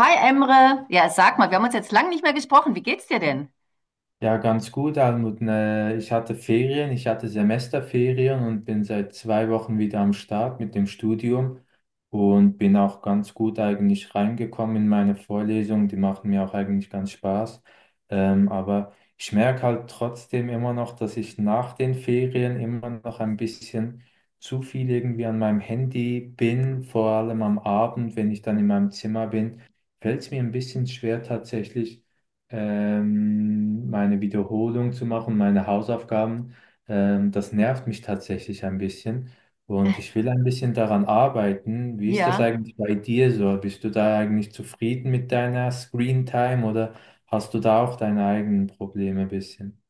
Hi Emre, ja, sag mal, wir haben uns jetzt lang nicht mehr gesprochen. Wie geht's dir denn? Ja, ganz gut, Almut. Ne, ich hatte Ferien, ich hatte Semesterferien und bin seit 2 Wochen wieder am Start mit dem Studium und bin auch ganz gut eigentlich reingekommen in meine Vorlesungen. Die machen mir auch eigentlich ganz Spaß. Aber ich merke halt trotzdem immer noch, dass ich nach den Ferien immer noch ein bisschen zu viel irgendwie an meinem Handy bin, vor allem am Abend, wenn ich dann in meinem Zimmer bin, fällt es mir ein bisschen schwer, tatsächlich meine Wiederholung zu machen, meine Hausaufgaben, das nervt mich tatsächlich ein bisschen. Und ich will ein bisschen daran arbeiten. Wie ist das Ja, eigentlich bei dir so? Bist du da eigentlich zufrieden mit deiner Screen Time oder hast du da auch deine eigenen Probleme ein bisschen?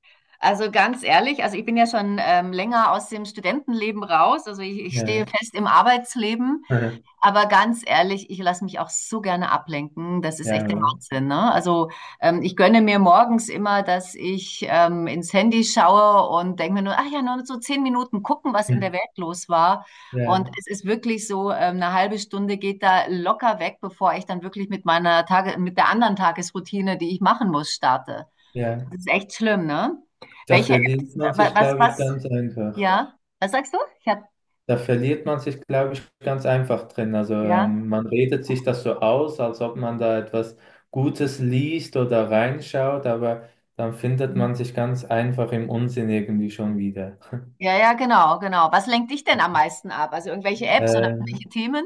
also ganz ehrlich, also ich bin ja schon länger aus dem Studentenleben raus. Also ich stehe Ja. fest im Arbeitsleben. Aber ganz ehrlich, ich lasse mich auch so gerne ablenken. Das ist Ja, echt der oder? Wahnsinn, ne? Also ich gönne mir morgens immer, dass ich ins Handy schaue und denke mir nur, ach ja, nur so zehn Minuten gucken, was in der Hm. Welt los war. Und Ja, es ist wirklich so, eine halbe Stunde geht da locker weg, bevor ich dann wirklich mit meiner Tage, mit der anderen Tagesroutine, die ich machen muss, starte. ja. Das ist echt schlimm, ne? Da Welche verdient Apps, man sich, glaube ich, ganz einfach. ja, was sagst du? Ich hab, Da verliert man sich, glaube ich, ganz einfach drin. Also ja. Man redet sich das so aus, als ob man da etwas Gutes liest oder reinschaut, aber dann findet man sich ganz einfach im Unsinn irgendwie schon wieder. Ja, ja, genau, genau. Was lenkt dich denn am meisten ab? Also irgendwelche Apps oder irgendwelche Ähm, Themen?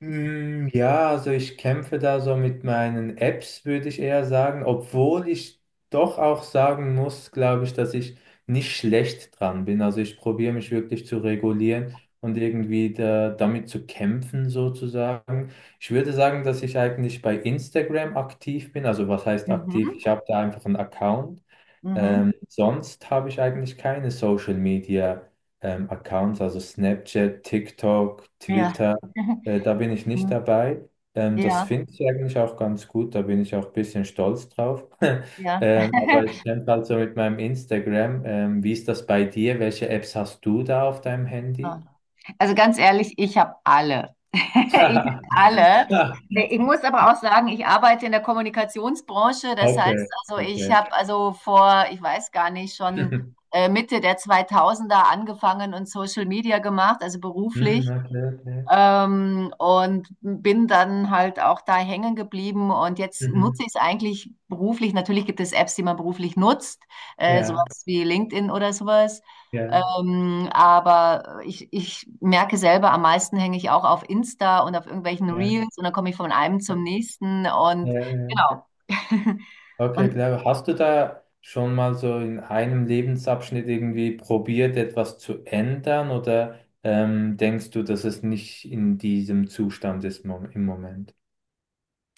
Ja, also ich kämpfe da so mit meinen Apps, würde ich eher sagen, obwohl ich doch auch sagen muss, glaube ich, dass ich nicht schlecht dran bin. Also ich probiere mich wirklich zu regulieren und irgendwie da, damit zu kämpfen sozusagen. Ich würde sagen, dass ich eigentlich bei Instagram aktiv bin. Also was heißt aktiv? Mhm, Ich habe da einfach einen Account. mhm, Sonst habe ich eigentlich keine Social Media Accounts, also Snapchat, TikTok, ja. Twitter. Da bin ich nicht Mhm, dabei. Das ja, finde ich eigentlich auch ganz gut. Da bin ich auch ein bisschen stolz drauf. ja. Aber ich kämpfe halt so mit meinem Instagram. Wie ist das bei dir? Welche Apps hast du da auf deinem Ah. Handy? Also ganz ehrlich, ich habe alle. Ich habe alle. Ich muss aber auch sagen, ich arbeite in der Kommunikationsbranche. Das heißt, Okay, also ich okay. habe also vor, ich weiß gar nicht, schon Mitte der 2000er angefangen und Social Media gemacht, also Hm, beruflich. okay, okay. Und bin dann halt auch da hängen geblieben und jetzt nutze Mhm. ich es eigentlich beruflich. Natürlich gibt es Apps, die man beruflich nutzt, Ja, sowas wie LinkedIn oder sowas. ja, Aber ich merke selber, am meisten hänge ich auch auf Insta und auf irgendwelchen ja. Reels und dann komme ich von einem zum nächsten Ja, und ja. genau. Okay, Und klar. Hast du da schon mal so in einem Lebensabschnitt irgendwie probiert, etwas zu ändern, oder denkst du, dass es nicht in diesem Zustand ist mom im Moment?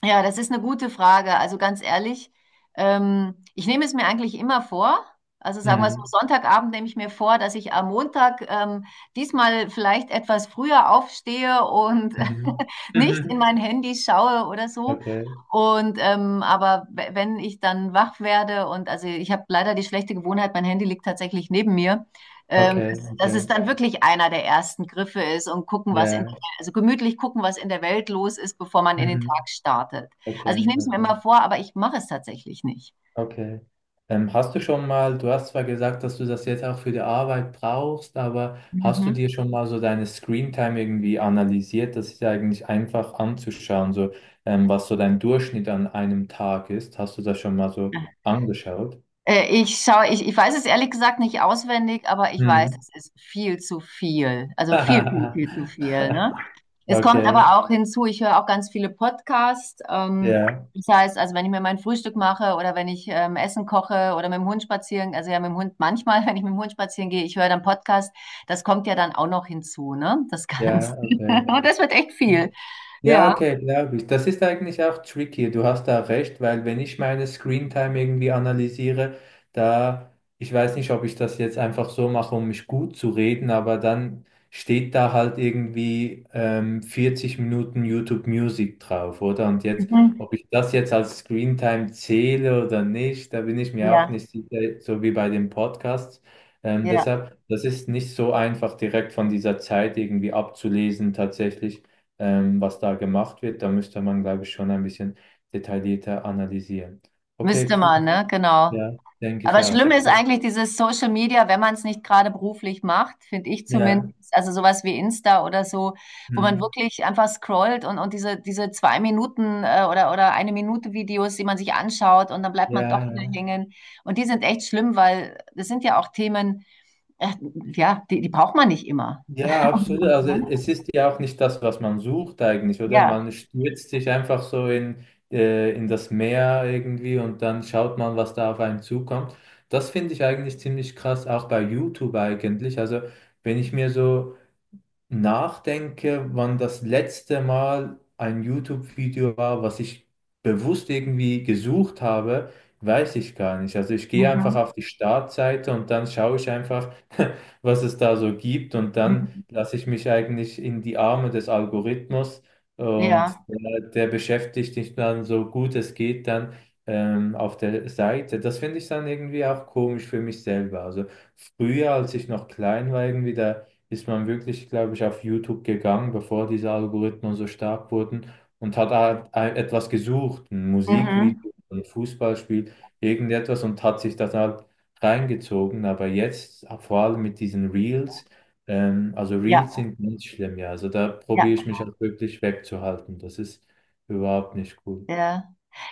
ja, das ist eine gute Frage. Also ganz ehrlich, ich nehme es mir eigentlich immer vor. Also sagen wir so, Mhm. Sonntagabend nehme ich mir vor, dass ich am Montag diesmal vielleicht etwas früher aufstehe und Mhm. nicht in Mhm. mein Handy schaue oder so. Okay, Und aber wenn ich dann wach werde und also ich habe leider die schlechte Gewohnheit, mein Handy liegt tatsächlich neben mir, okay, dass, dass es okay. dann wirklich einer der ersten Griffe ist und gucken, was in, Ja. also gemütlich gucken, was in der Welt los ist, bevor man in den Mhm. Tag startet. Also ich Okay, nehme es mir okay. immer vor, aber ich mache es tatsächlich nicht. Okay. Hast du schon mal, du hast zwar gesagt, dass du das jetzt auch für die Arbeit brauchst, aber hast du Mhm. dir schon mal so deine Screentime irgendwie analysiert? Das ist ja eigentlich einfach anzuschauen, so was so dein Durchschnitt an einem Tag ist. Hast du das schon mal so angeschaut? Ich schaue, ich weiß es ehrlich gesagt nicht auswendig, aber ich weiß, Hm. es ist viel zu viel. Also viel, viel, viel zu viel, ne? Es kommt Okay, aber auch hinzu, ich höre auch ganz viele Podcasts. Ja, Das heißt, also wenn ich mir mein Frühstück mache oder wenn ich Essen koche oder mit dem Hund spazieren, also ja mit dem Hund manchmal, wenn ich mit dem Hund spazieren gehe, ich höre dann Podcast, das kommt ja dann auch noch hinzu, ne? Das Ganze. ja, okay. Und das wird echt viel. Ja, Ja. okay, glaube ich. Das ist eigentlich auch tricky. Du hast da recht, weil wenn ich meine Screentime irgendwie analysiere, da, ich weiß nicht, ob ich das jetzt einfach so mache, um mich gut zu reden, aber dann steht da halt irgendwie 40 Minuten YouTube Music drauf, oder? Und jetzt, Mhm. ob ich das jetzt als Screentime zähle oder nicht, da bin ich mir auch Ja, nicht sicher, so wie bei den Podcasts. Ja. Deshalb, das ist nicht so einfach direkt von dieser Zeit irgendwie abzulesen, tatsächlich was da gemacht wird. Da müsste man, glaube ich, schon ein bisschen detaillierter analysieren. Okay, Müsste cool. man, ne? Genau. Ja, denke ich Aber auch. schlimm ist Okay. eigentlich dieses Social Media, wenn man es nicht gerade beruflich macht, finde ich Ja. zumindest. Also sowas wie Insta oder so, wo man Hm. wirklich einfach scrollt und diese, diese zwei Minuten oder eine Minute Videos, die man sich anschaut und dann bleibt man Ja, doch wieder ja, hängen. Und die sind echt schlimm, weil das sind ja auch Themen, äh, ja, die, die braucht man nicht immer. ja, absolut. Also Mhm. es ist ja auch nicht das, was man sucht eigentlich, oder? Ja. Man stürzt sich einfach so in das Meer irgendwie, und dann schaut man, was da auf einen zukommt. Das finde ich eigentlich ziemlich krass, auch bei YouTube eigentlich. Also wenn ich mir so nachdenke, wann das letzte Mal ein YouTube-Video war, was ich bewusst irgendwie gesucht habe, weiß ich gar nicht. Also ich gehe einfach Mhm. auf die Startseite und dann schaue ich einfach, was es da so gibt, und dann Mhm. lasse ich mich eigentlich in die Arme des Algorithmus, und Ja. der, der beschäftigt dich dann so gut es geht dann auf der Seite. Das finde ich dann irgendwie auch komisch für mich selber. Also früher, als ich noch klein war, irgendwie da ist man wirklich, glaube ich, auf YouTube gegangen, bevor diese Algorithmen so stark wurden, und hat halt etwas gesucht, ein Mhm. Musikvideo, ein Fußballspiel, irgendetwas, und hat sich das halt reingezogen. Aber jetzt, vor allem mit diesen Reels, also Ja. Reels sind ganz schlimm, ja. Also da Ja. probiere ich mich halt wirklich wegzuhalten. Das ist überhaupt nicht cool. Ja.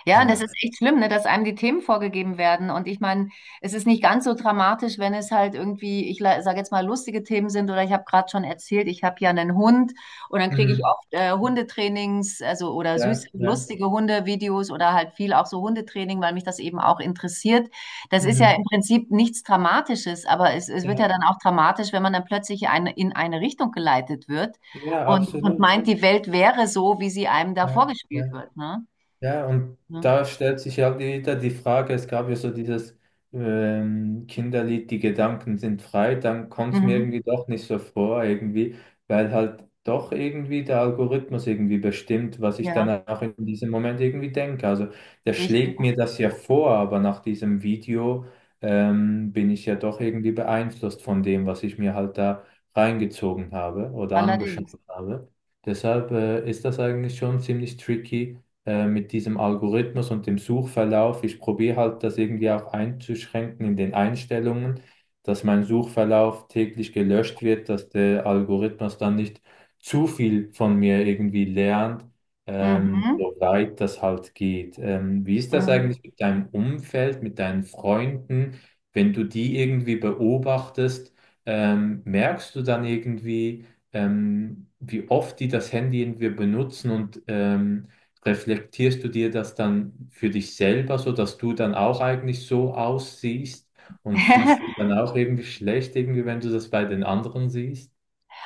Ja, und Genau. das ist echt schlimm, ne, dass einem die Themen vorgegeben werden. Und ich meine, es ist nicht ganz so dramatisch, wenn es halt irgendwie, ich sage jetzt mal, lustige Themen sind. Oder ich habe gerade schon erzählt, ich habe ja einen Hund und dann kriege ich Mhm. oft Hundetrainings, also oder süße, Ja, ja, lustige Hundevideos oder halt viel auch so Hundetraining, weil mich das eben auch interessiert. Das ist ja mhm. im Prinzip nichts Dramatisches, aber es wird ja Ja, dann auch dramatisch, wenn man dann plötzlich eine, in eine Richtung geleitet wird ja, und absolut. meint, die Welt wäre so, wie sie einem da Ja, vorgespielt ja. wird, ne? Ja, und Mhm. da stellt sich ja wieder die Frage, es gab ja so dieses Kinderlied, die Gedanken sind frei, dann kommt es mir Mhm. irgendwie doch nicht so vor, irgendwie, weil halt doch irgendwie der Algorithmus irgendwie bestimmt, was ich dann Ja, auch in diesem Moment irgendwie denke. Also der richtig. schlägt mir das ja vor, aber nach diesem Video bin ich ja doch irgendwie beeinflusst von dem, was ich mir halt da reingezogen habe oder angeschaut Allerdings. habe. Deshalb ist das eigentlich schon ziemlich tricky, mit diesem Algorithmus und dem Suchverlauf. Ich probiere halt das irgendwie auch einzuschränken in den Einstellungen, dass mein Suchverlauf täglich gelöscht wird, dass der Algorithmus dann nicht zu viel von mir irgendwie lernt, Mhm. soweit das halt geht. Wie ist das Mhm. eigentlich mit deinem Umfeld, mit deinen Freunden, wenn du die irgendwie beobachtest? Merkst du dann irgendwie, wie oft die das Handy irgendwie benutzen, und reflektierst du dir das dann für dich selber, so dass du dann auch eigentlich so aussiehst und fühlst dich dann auch irgendwie schlecht, irgendwie, wenn du das bei den anderen siehst?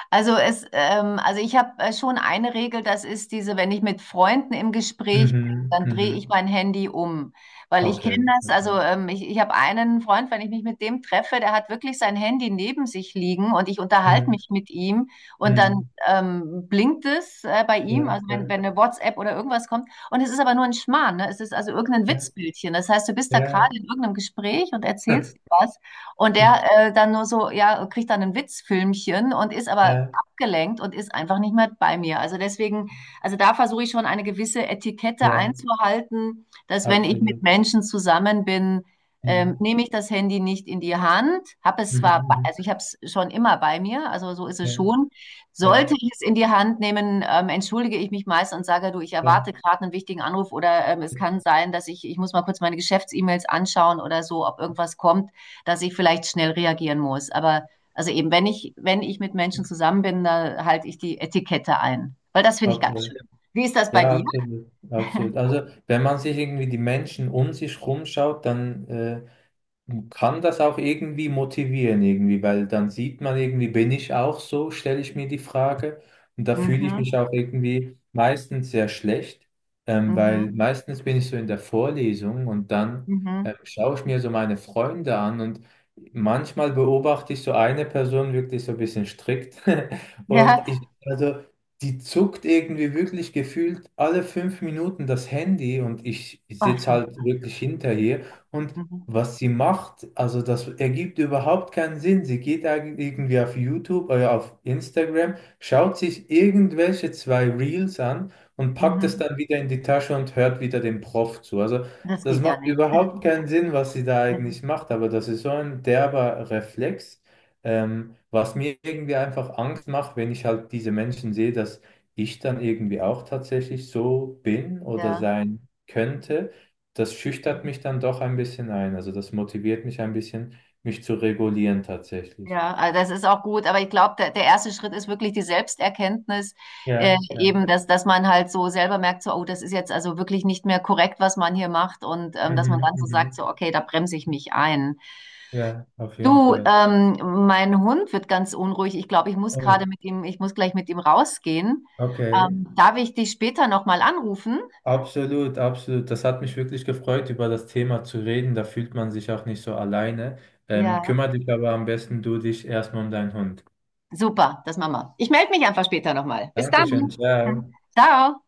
Also es, also ich habe schon eine Regel, das ist diese, wenn ich mit Freunden im Gespräch bin, Mhm, dann drehe ich mhm. mein Handy um. Weil ich Okay, kenne das, okay. also ich habe einen Freund, wenn ich mich mit dem treffe, der hat wirklich sein Handy neben sich liegen und ich unterhalte Mhm, mich mit ihm und dann mhm. Blinkt es bei ihm, Ja, also wenn, ja, wenn eine WhatsApp oder irgendwas kommt. Und es ist aber nur ein Schmarrn, ne? Es ist also irgendein ja, Witzbildchen. Das heißt, du bist da gerade ja, in irgendeinem Gespräch und ja, erzählst was. Und der dann nur so, ja, kriegt dann ein Witzfilmchen und ist aber ja, abgelenkt und ist einfach nicht mehr bei mir. Also deswegen, also da versuche ich schon eine gewisse Etikette ja, einzuhalten, dass wenn ich mit absolut. Menschen zusammen bin, Mhm, nehme ich das Handy nicht in die Hand, habe es mhm, zwar, mhm. also ich habe es schon immer bei mir, also so ist es Ja, schon. Sollte ja, ich es in die Hand nehmen, entschuldige ich mich meist und sage, du, ich ja, erwarte gerade einen wichtigen Anruf oder es kann sein, dass ich muss mal kurz meine Geschäfts-E-Mails anschauen oder so, ob irgendwas kommt, dass ich vielleicht schnell reagieren muss. Aber also eben, wenn ich, wenn ich mit Menschen zusammen bin, da halte ich die Etikette ein. Weil das finde ich ganz okay. schlimm. Wie ist das bei Ja, dir? absolut, absolut. Also, wenn man sich irgendwie die Menschen um sich rumschaut, dann kann das auch irgendwie motivieren, irgendwie, weil dann sieht man irgendwie, bin ich auch so, stelle ich mir die Frage. Und da fühle ich mich Mhm, auch irgendwie meistens sehr schlecht, mhm, weil meistens bin ich so in der Vorlesung, und dann mhm. Schaue ich mir so meine Freunde an, und manchmal beobachte ich so eine Person wirklich so ein bisschen strikt, und Ja, ich, also die zuckt irgendwie wirklich gefühlt alle 5 Minuten das Handy, und ich sitze ah, halt wirklich hinter ihr. Und mhm, was sie macht, also das ergibt überhaupt keinen Sinn. Sie geht eigentlich irgendwie auf YouTube oder auf Instagram, schaut sich irgendwelche 2 Reels an und packt es mhm. dann wieder in die Tasche und hört wieder dem Prof zu. Also Das das geht ja macht nicht. überhaupt keinen Sinn, was sie da Ja, eigentlich macht, aber das ist so ein derber Reflex, was mir irgendwie einfach Angst macht, wenn ich halt diese Menschen sehe, dass ich dann irgendwie auch tatsächlich so bin oder ja, sein könnte, das schüchtert mhm, mich dann doch ein bisschen ein. Also das motiviert mich ein bisschen, mich zu regulieren, tatsächlich. ja. Also das ist auch gut, aber ich glaube, der, der erste Schritt ist wirklich die Selbsterkenntnis, Ja, ja. eben, dass, dass man halt so selber merkt, so, oh, das ist jetzt also wirklich nicht mehr korrekt, was man hier macht und dass man Mhm, dann so sagt, mhm. so, okay, da bremse ich mich ein. Ja, auf jeden Du, Fall. Mein Hund wird ganz unruhig. Ich glaube, ich muss Oh, ja. gerade mit ihm, ich muss gleich mit ihm rausgehen. Okay. Darf ich dich später nochmal anrufen? Absolut, absolut. Das hat mich wirklich gefreut, über das Thema zu reden. Da fühlt man sich auch nicht so alleine. Ja. Kümmere dich aber am besten du dich erstmal um deinen Hund. Super, das machen wir. Ich melde mich einfach später nochmal. Bis dann. Dankeschön, ciao. Ciao.